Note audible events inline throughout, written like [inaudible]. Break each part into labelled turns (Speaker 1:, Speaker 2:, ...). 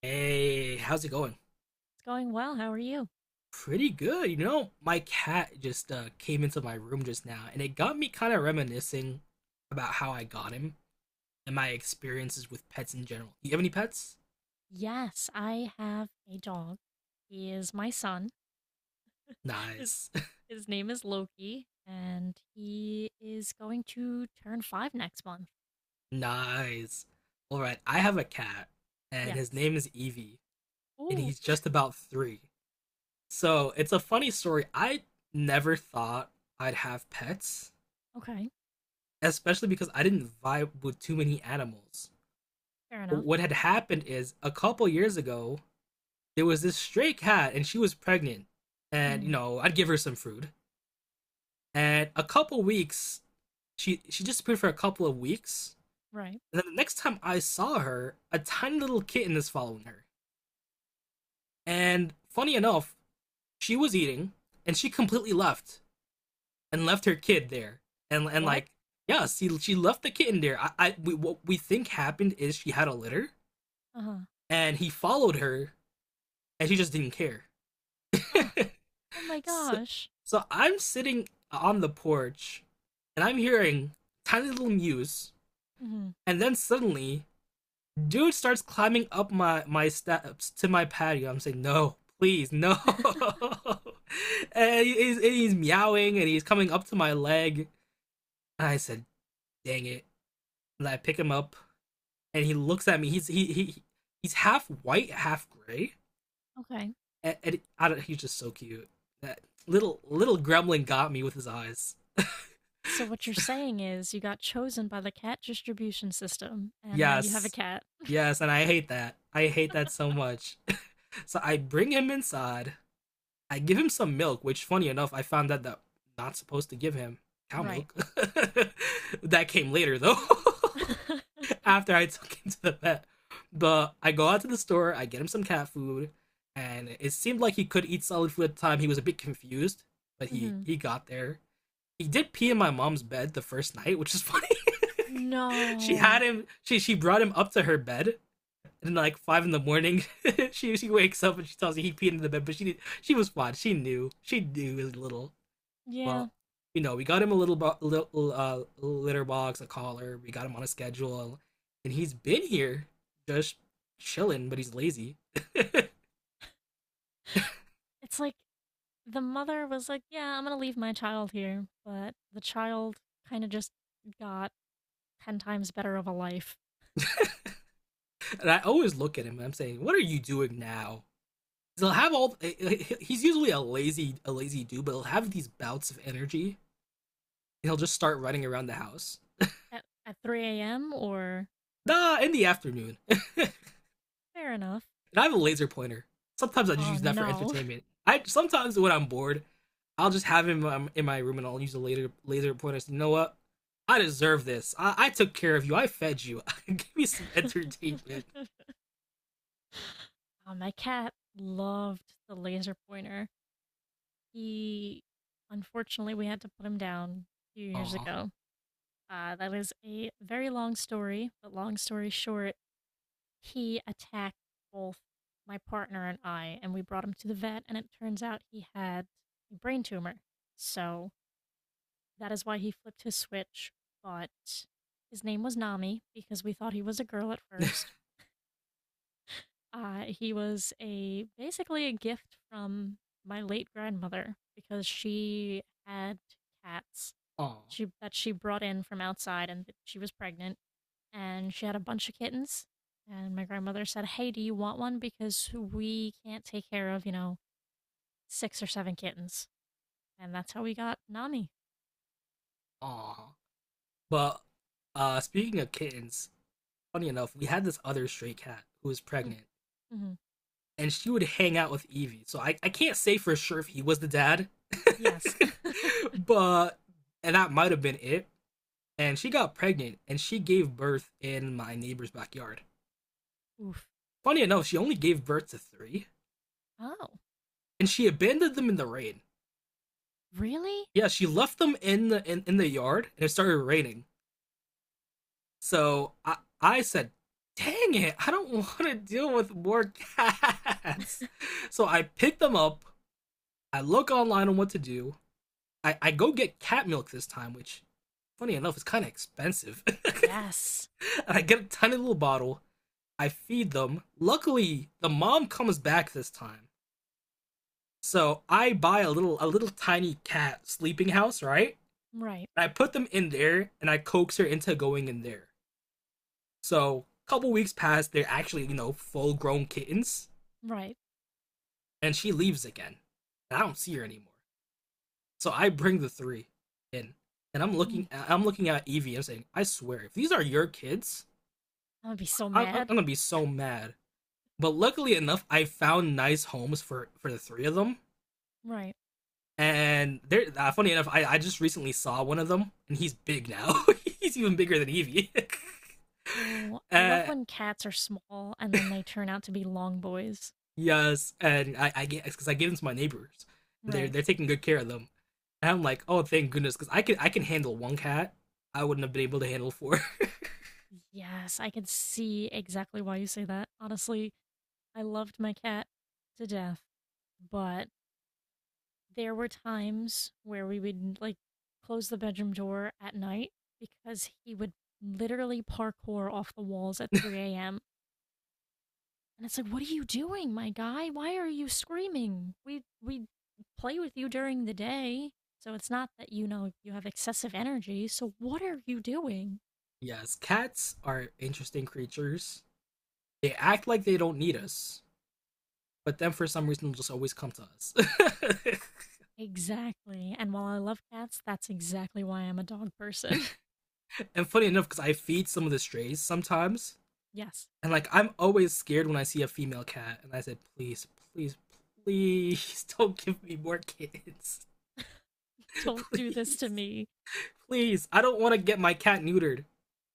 Speaker 1: Hey, how's it going?
Speaker 2: It's going well. How are you?
Speaker 1: Pretty good. You know, my cat just came into my room just now, and it got me kind of reminiscing about how I got him and my experiences with pets in general. You have any pets?
Speaker 2: Yes, I have a dog. He is my son. [laughs] His
Speaker 1: Nice.
Speaker 2: his name is Loki, and he is going to turn 5 next month.
Speaker 1: [laughs] Nice. All right, I have a cat, and his
Speaker 2: Yes.
Speaker 1: name is Evie, and
Speaker 2: Ooh.
Speaker 1: he's just about three. So it's a funny story. I never thought I'd have pets,
Speaker 2: Okay.
Speaker 1: especially because I didn't vibe with too many animals.
Speaker 2: Fair
Speaker 1: But
Speaker 2: enough.
Speaker 1: what had happened is a couple years ago, there was this stray cat and she was pregnant, and
Speaker 2: Hmm.
Speaker 1: I'd give her some food. And a couple weeks she disappeared for a couple of weeks.
Speaker 2: Right.
Speaker 1: And then the next time I saw her, a tiny little kitten is following her. And funny enough, she was eating, and she completely left and left her kid there. and and
Speaker 2: What?
Speaker 1: like yeah, see, she left the kitten there. I what we think happened is she had a litter
Speaker 2: Uh huh.
Speaker 1: and he followed her, and she just didn't care.
Speaker 2: Oh, oh my
Speaker 1: So,
Speaker 2: gosh.
Speaker 1: so I'm sitting on the porch and I'm hearing tiny little mews.
Speaker 2: Hmm.
Speaker 1: And then suddenly, dude starts climbing up my steps to my patio. I'm saying, no, please, no.
Speaker 2: [laughs]
Speaker 1: [laughs] And he's meowing and he's coming up to my leg. And I said, dang it. And I pick him up and he looks at me. He's he he's half white, half gray.
Speaker 2: Okay.
Speaker 1: And I don't, He's just so cute. That little gremlin got me with his eyes.
Speaker 2: So what you're saying is you got chosen by the cat distribution system, and now you have a
Speaker 1: Yes.
Speaker 2: cat.
Speaker 1: Yes, and I hate that. I hate that so much. [laughs] So I bring him inside. I give him some milk, which funny enough, I found out that I'm not supposed to give him cow
Speaker 2: Right.
Speaker 1: milk. [laughs] That came later though.
Speaker 2: [laughs]
Speaker 1: [laughs] After I took him to the vet. But I go out to the store, I get him some cat food, and it seemed like he could eat solid food at the time. He was a bit confused, but he
Speaker 2: Hmm.
Speaker 1: he got there. He did pee in my mom's bed the first night, which is funny. [laughs] She had
Speaker 2: No.
Speaker 1: him. She brought him up to her bed, and like five in the morning, [laughs] she wakes up and she tells me he peed in the bed. But she did, she was fine. She knew. She knew he little.
Speaker 2: Yeah.
Speaker 1: Well, we got him a little litter box, a collar. We got him on a schedule, and he's been here just chilling, but he's lazy.
Speaker 2: It's like the mother was like, "Yeah, I'm gonna leave my child here," but the child kind of just got 10 times better of a life
Speaker 1: And I always look at him and I'm saying, "What are you doing now?" he'll have all He's usually a lazy dude, but he'll have these bouts of energy. He'll just start running around the house,
Speaker 2: at 3 a.m. Or
Speaker 1: nah, in the afternoon. [laughs] And
Speaker 2: fair enough.
Speaker 1: I have a laser pointer. Sometimes I just
Speaker 2: Oh
Speaker 1: use that for
Speaker 2: no.
Speaker 1: entertainment. I sometimes, when I'm bored, I'll just have him in my room and I'll use a laser pointer. So, you know what, I deserve this. I took care of you, I fed you. [laughs] Give me some
Speaker 2: [laughs]
Speaker 1: entertainment.
Speaker 2: My cat loved the laser pointer. He, unfortunately, we had to put him down a few years
Speaker 1: Aw.
Speaker 2: ago. That is a very long story, but long story short, he attacked both my partner and I, and we brought him to the vet, and it turns out he had a brain tumor. So that is why he flipped his switch. But his name was Nami because we thought he was a girl at first. He was a basically a gift from my late grandmother because she had cats
Speaker 1: Aw.
Speaker 2: that she brought in from outside, and she was pregnant and she had a bunch of kittens. And my grandmother said, "Hey, do you want one? Because we can't take care of, you know, 6 or 7 kittens." And that's how we got Nani.
Speaker 1: Aw. But speaking of kittens, funny enough, we had this other stray cat who was
Speaker 2: Mm,
Speaker 1: pregnant,
Speaker 2: Mm-hmm.
Speaker 1: and she would hang out with Evie. So I can't say for sure if he was the dad.
Speaker 2: Yes.
Speaker 1: [laughs]
Speaker 2: [laughs]
Speaker 1: but and that might have been it. And she got pregnant and she gave birth in my neighbor's backyard.
Speaker 2: Oof.
Speaker 1: Funny enough, she only gave birth to three,
Speaker 2: Oh,
Speaker 1: and she abandoned them in the rain.
Speaker 2: really?
Speaker 1: Yeah, she left them in in the yard, and it started raining. So I said, "Dang it, I don't [laughs] want to deal with more [laughs] cats." So I picked them up. I look online on what to do. I go get cat milk this time, which funny enough is kind of expensive. [laughs] And
Speaker 2: Yes.
Speaker 1: I get a tiny little bottle. I feed them. Luckily, the mom comes back this time, so I buy a little tiny cat sleeping house. Right.
Speaker 2: Right.
Speaker 1: And I put them in there, and I coax her into going in there. So a couple weeks pass, they're actually, full grown kittens,
Speaker 2: Right.
Speaker 1: and she leaves again. And I don't see her anymore. So I bring the three in, and
Speaker 2: Mm,
Speaker 1: I'm looking at Evie and saying, I swear, if these are your kids,
Speaker 2: I would be so
Speaker 1: I'm
Speaker 2: mad.
Speaker 1: gonna be so mad. But luckily enough, I found nice homes for the three of them.
Speaker 2: Right.
Speaker 1: And they're funny enough, I just recently saw one of them, and he's big now. [laughs] He's even bigger than Evie.
Speaker 2: Oh,
Speaker 1: [laughs]
Speaker 2: I love
Speaker 1: uh,
Speaker 2: when cats are small and then they turn out to be long boys.
Speaker 1: yes, and I get, because I give them to my neighbors, and they're
Speaker 2: Right.
Speaker 1: they're taking good care of them. And I'm like, oh, thank goodness, because I can handle one cat. I wouldn't have been able to handle four. [laughs]
Speaker 2: Yes, I can see exactly why you say that. Honestly, I loved my cat to death, but there were times where we would like close the bedroom door at night because he would literally parkour off the walls at 3 a.m. And it's like, what are you doing, my guy? Why are you screaming? We play with you during the day, so it's not that you know you have excessive energy. So what are you doing?
Speaker 1: Yes, cats are interesting creatures. They act like they don't need us, but then for some reason just always come to us.
Speaker 2: Exactly. And while I love cats, that's exactly why I'm a dog person.
Speaker 1: [laughs] And funny enough, because I feed some of the strays sometimes,
Speaker 2: [laughs] Yes.
Speaker 1: and like I'm always scared when I see a female cat, and I said, please, please, please, [laughs] don't give me more kids, [laughs]
Speaker 2: Don't do this to
Speaker 1: please,
Speaker 2: me.
Speaker 1: please. I don't want to get my cat neutered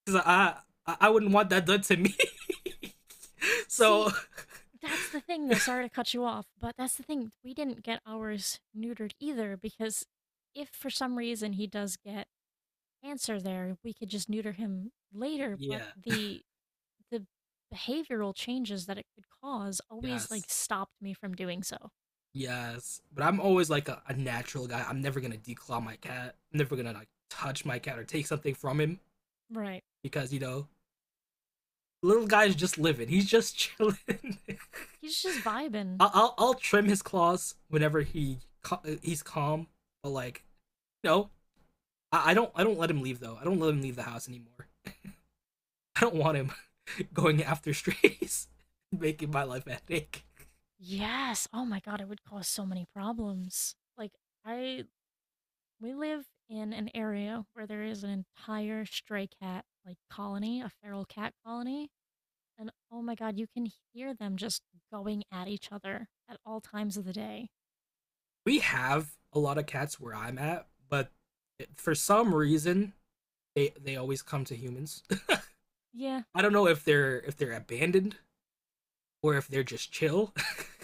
Speaker 1: because I wouldn't want that done to me. [laughs] So
Speaker 2: See, that's the thing, though. Sorry to cut you off, but that's the thing. We didn't get ours neutered either because if for some reason he does get cancer there, we could just neuter him later, but
Speaker 1: yeah,
Speaker 2: the behavioral changes that it could cause always like
Speaker 1: yes.
Speaker 2: stopped me from doing so.
Speaker 1: Yes, but I'm always like a natural guy. I'm never gonna declaw my cat. I'm never gonna like touch my cat or take something from him
Speaker 2: Right.
Speaker 1: because little guy's just living. He's just chilling. [laughs]
Speaker 2: He's just vibing.
Speaker 1: I'll trim his claws whenever he's calm. But like no, I don't let him leave though. I don't let him leave the house anymore. I don't want him [laughs] going after strays, [laughs] making my life a headache.
Speaker 2: Yes. Oh my god, it would cause so many problems. Like I we live in an area where there is an entire stray cat like colony, a feral cat colony. And oh my god, you can hear them just going at each other at all times of the day.
Speaker 1: We have a lot of cats where I'm at, but for some reason they always come to humans.
Speaker 2: Yeah,
Speaker 1: I don't know if they're, abandoned or if they're just chill.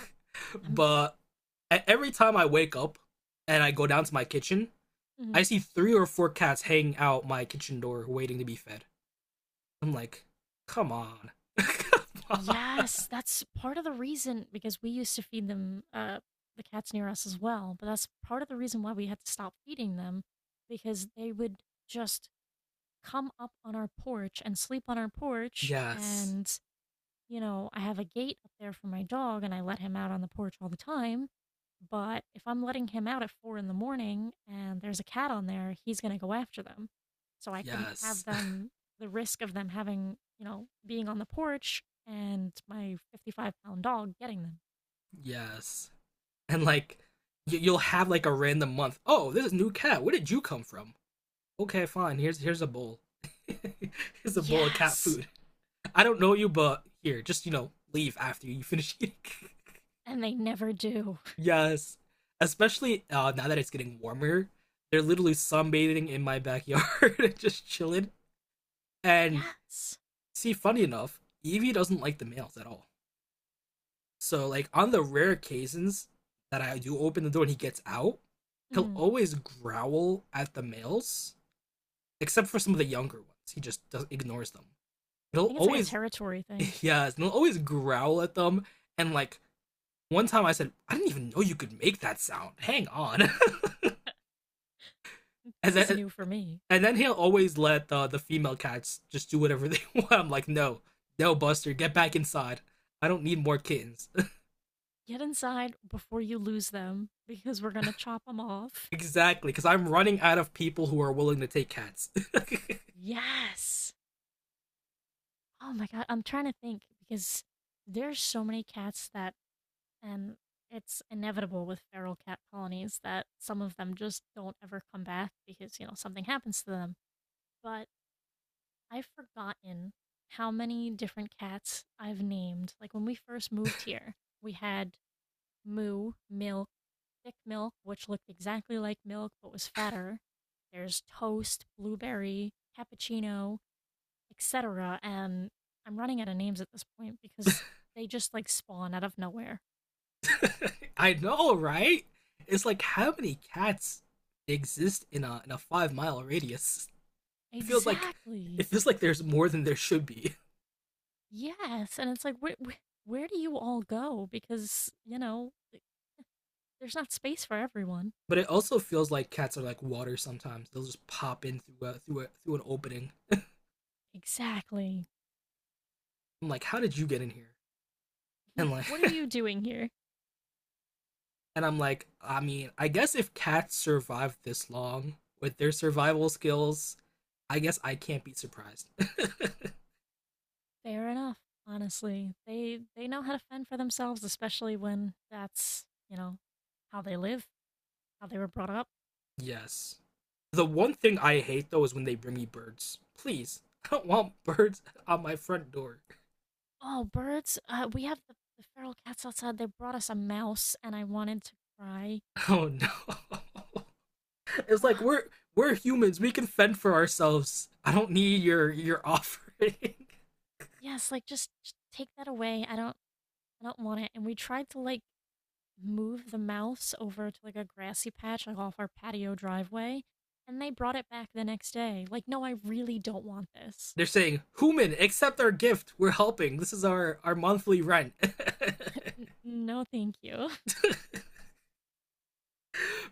Speaker 1: [laughs]
Speaker 2: I'm.
Speaker 1: But every time I wake up and I go down to my kitchen, I
Speaker 2: Mm.
Speaker 1: see three or four cats hanging out my kitchen door waiting to be fed. I'm like, come on. [laughs] Come on.
Speaker 2: Yes, that's part of the reason because we used to feed them the cats near us as well. But that's part of the reason why we had to stop feeding them because they would just come up on our porch and sleep on our porch,
Speaker 1: Yes.
Speaker 2: and you know, I have a gate up there for my dog and I let him out on the porch all the time. But if I'm letting him out at 4 in the morning and there's a cat on there, he's going to go after them. So I couldn't have
Speaker 1: Yes. [laughs]
Speaker 2: them, the risk of them having, you know, being on the porch and my 55-pound dog getting them.
Speaker 1: Yes. And like you'll have like a random month. Oh, this is a new cat. Where did you come from? Okay, fine. Here's a bowl. [laughs] Here's a bowl of cat
Speaker 2: Yes.
Speaker 1: food. I don't know you, but here, just, leave after you finish eating.
Speaker 2: And they never do.
Speaker 1: [laughs] Yes, especially now that it's getting warmer. They're literally sunbathing in my backyard and [laughs] just chilling. And
Speaker 2: Yes.
Speaker 1: see, funny enough, Evie doesn't like the males at all. So like on the rare occasions that I do open the door and he gets out, he'll
Speaker 2: Hmm.
Speaker 1: always growl at the males, except for some of the younger ones. He just does, ignores them.
Speaker 2: I
Speaker 1: He'll
Speaker 2: think it's like a
Speaker 1: always,
Speaker 2: territory thing.
Speaker 1: [laughs] yes, he'll always growl at them, and like one time I said, I didn't even know you could make that sound. Hang on. [laughs] and
Speaker 2: This is
Speaker 1: then
Speaker 2: new for me.
Speaker 1: and then he'll always let the female cats just do whatever [laughs] they want. I'm like, no, no, Buster, get back inside. I don't need more kittens.
Speaker 2: Get inside before you lose them because we're going to chop them
Speaker 1: [laughs]
Speaker 2: off.
Speaker 1: Exactly, because I'm running out of people who are willing to take cats.
Speaker 2: Yes. Oh my god, I'm trying to think because there's so many cats that and it's inevitable with feral cat colonies that some of them just don't ever come back because, you know, something happens to them. But I've forgotten how many different cats I've named. Like when we first moved here, we had Moo, Milk, Thick Milk, which looked exactly like Milk but was fatter. There's Toast, Blueberry, Cappuccino, etc. And I'm running out of names at this point because they just like spawn out of nowhere.
Speaker 1: [laughs] I know, right? It's like how many cats exist in a 5-mile radius? It feels like it
Speaker 2: Exactly.
Speaker 1: feels like there's more than there should be.
Speaker 2: Yes. And it's like, where do you all go? Because, you know, there's not space for everyone.
Speaker 1: But it also feels like cats are like water sometimes. They'll just pop in through an opening.
Speaker 2: Exactly.
Speaker 1: I'm like, how did you get in here? And like,
Speaker 2: What are you doing here?
Speaker 1: [laughs] and I'm like, I mean, I guess if cats survive this long with their survival skills, I guess I can't be surprised.
Speaker 2: Fair enough. Honestly, they know how to fend for themselves, especially when that's you know how they live, how they were brought up.
Speaker 1: [laughs] Yes. The one thing I hate though is when they bring me birds. Please, [laughs] I don't want birds on my front door.
Speaker 2: Oh, birds! We have the feral cats outside. They brought us a mouse, and I wanted to cry.
Speaker 1: Oh no. [laughs] It's like
Speaker 2: Ugh,
Speaker 1: we're humans. We can fend for ourselves. I don't need your offering. [laughs]
Speaker 2: yes, like just take that away. I don't want it. And we tried to like move the mouse over to like a grassy patch like off our patio driveway, and they brought it back the next day. Like, no, I really don't want this.
Speaker 1: They're saying, "Human, accept our gift. We're helping. This is our monthly rent." [laughs]
Speaker 2: N- no, thank you. [laughs]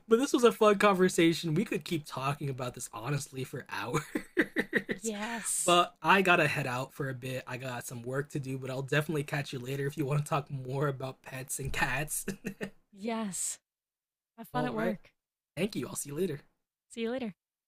Speaker 1: But this was a fun conversation. We could keep talking about this honestly for hours. [laughs]
Speaker 2: Yes.
Speaker 1: But I gotta head out for a bit. I got some work to do, but I'll definitely catch you later if you want to talk more about pets and cats.
Speaker 2: Yes. Have
Speaker 1: [laughs]
Speaker 2: fun
Speaker 1: All
Speaker 2: at
Speaker 1: right.
Speaker 2: work.
Speaker 1: Thank you. I'll see you later.
Speaker 2: See you later.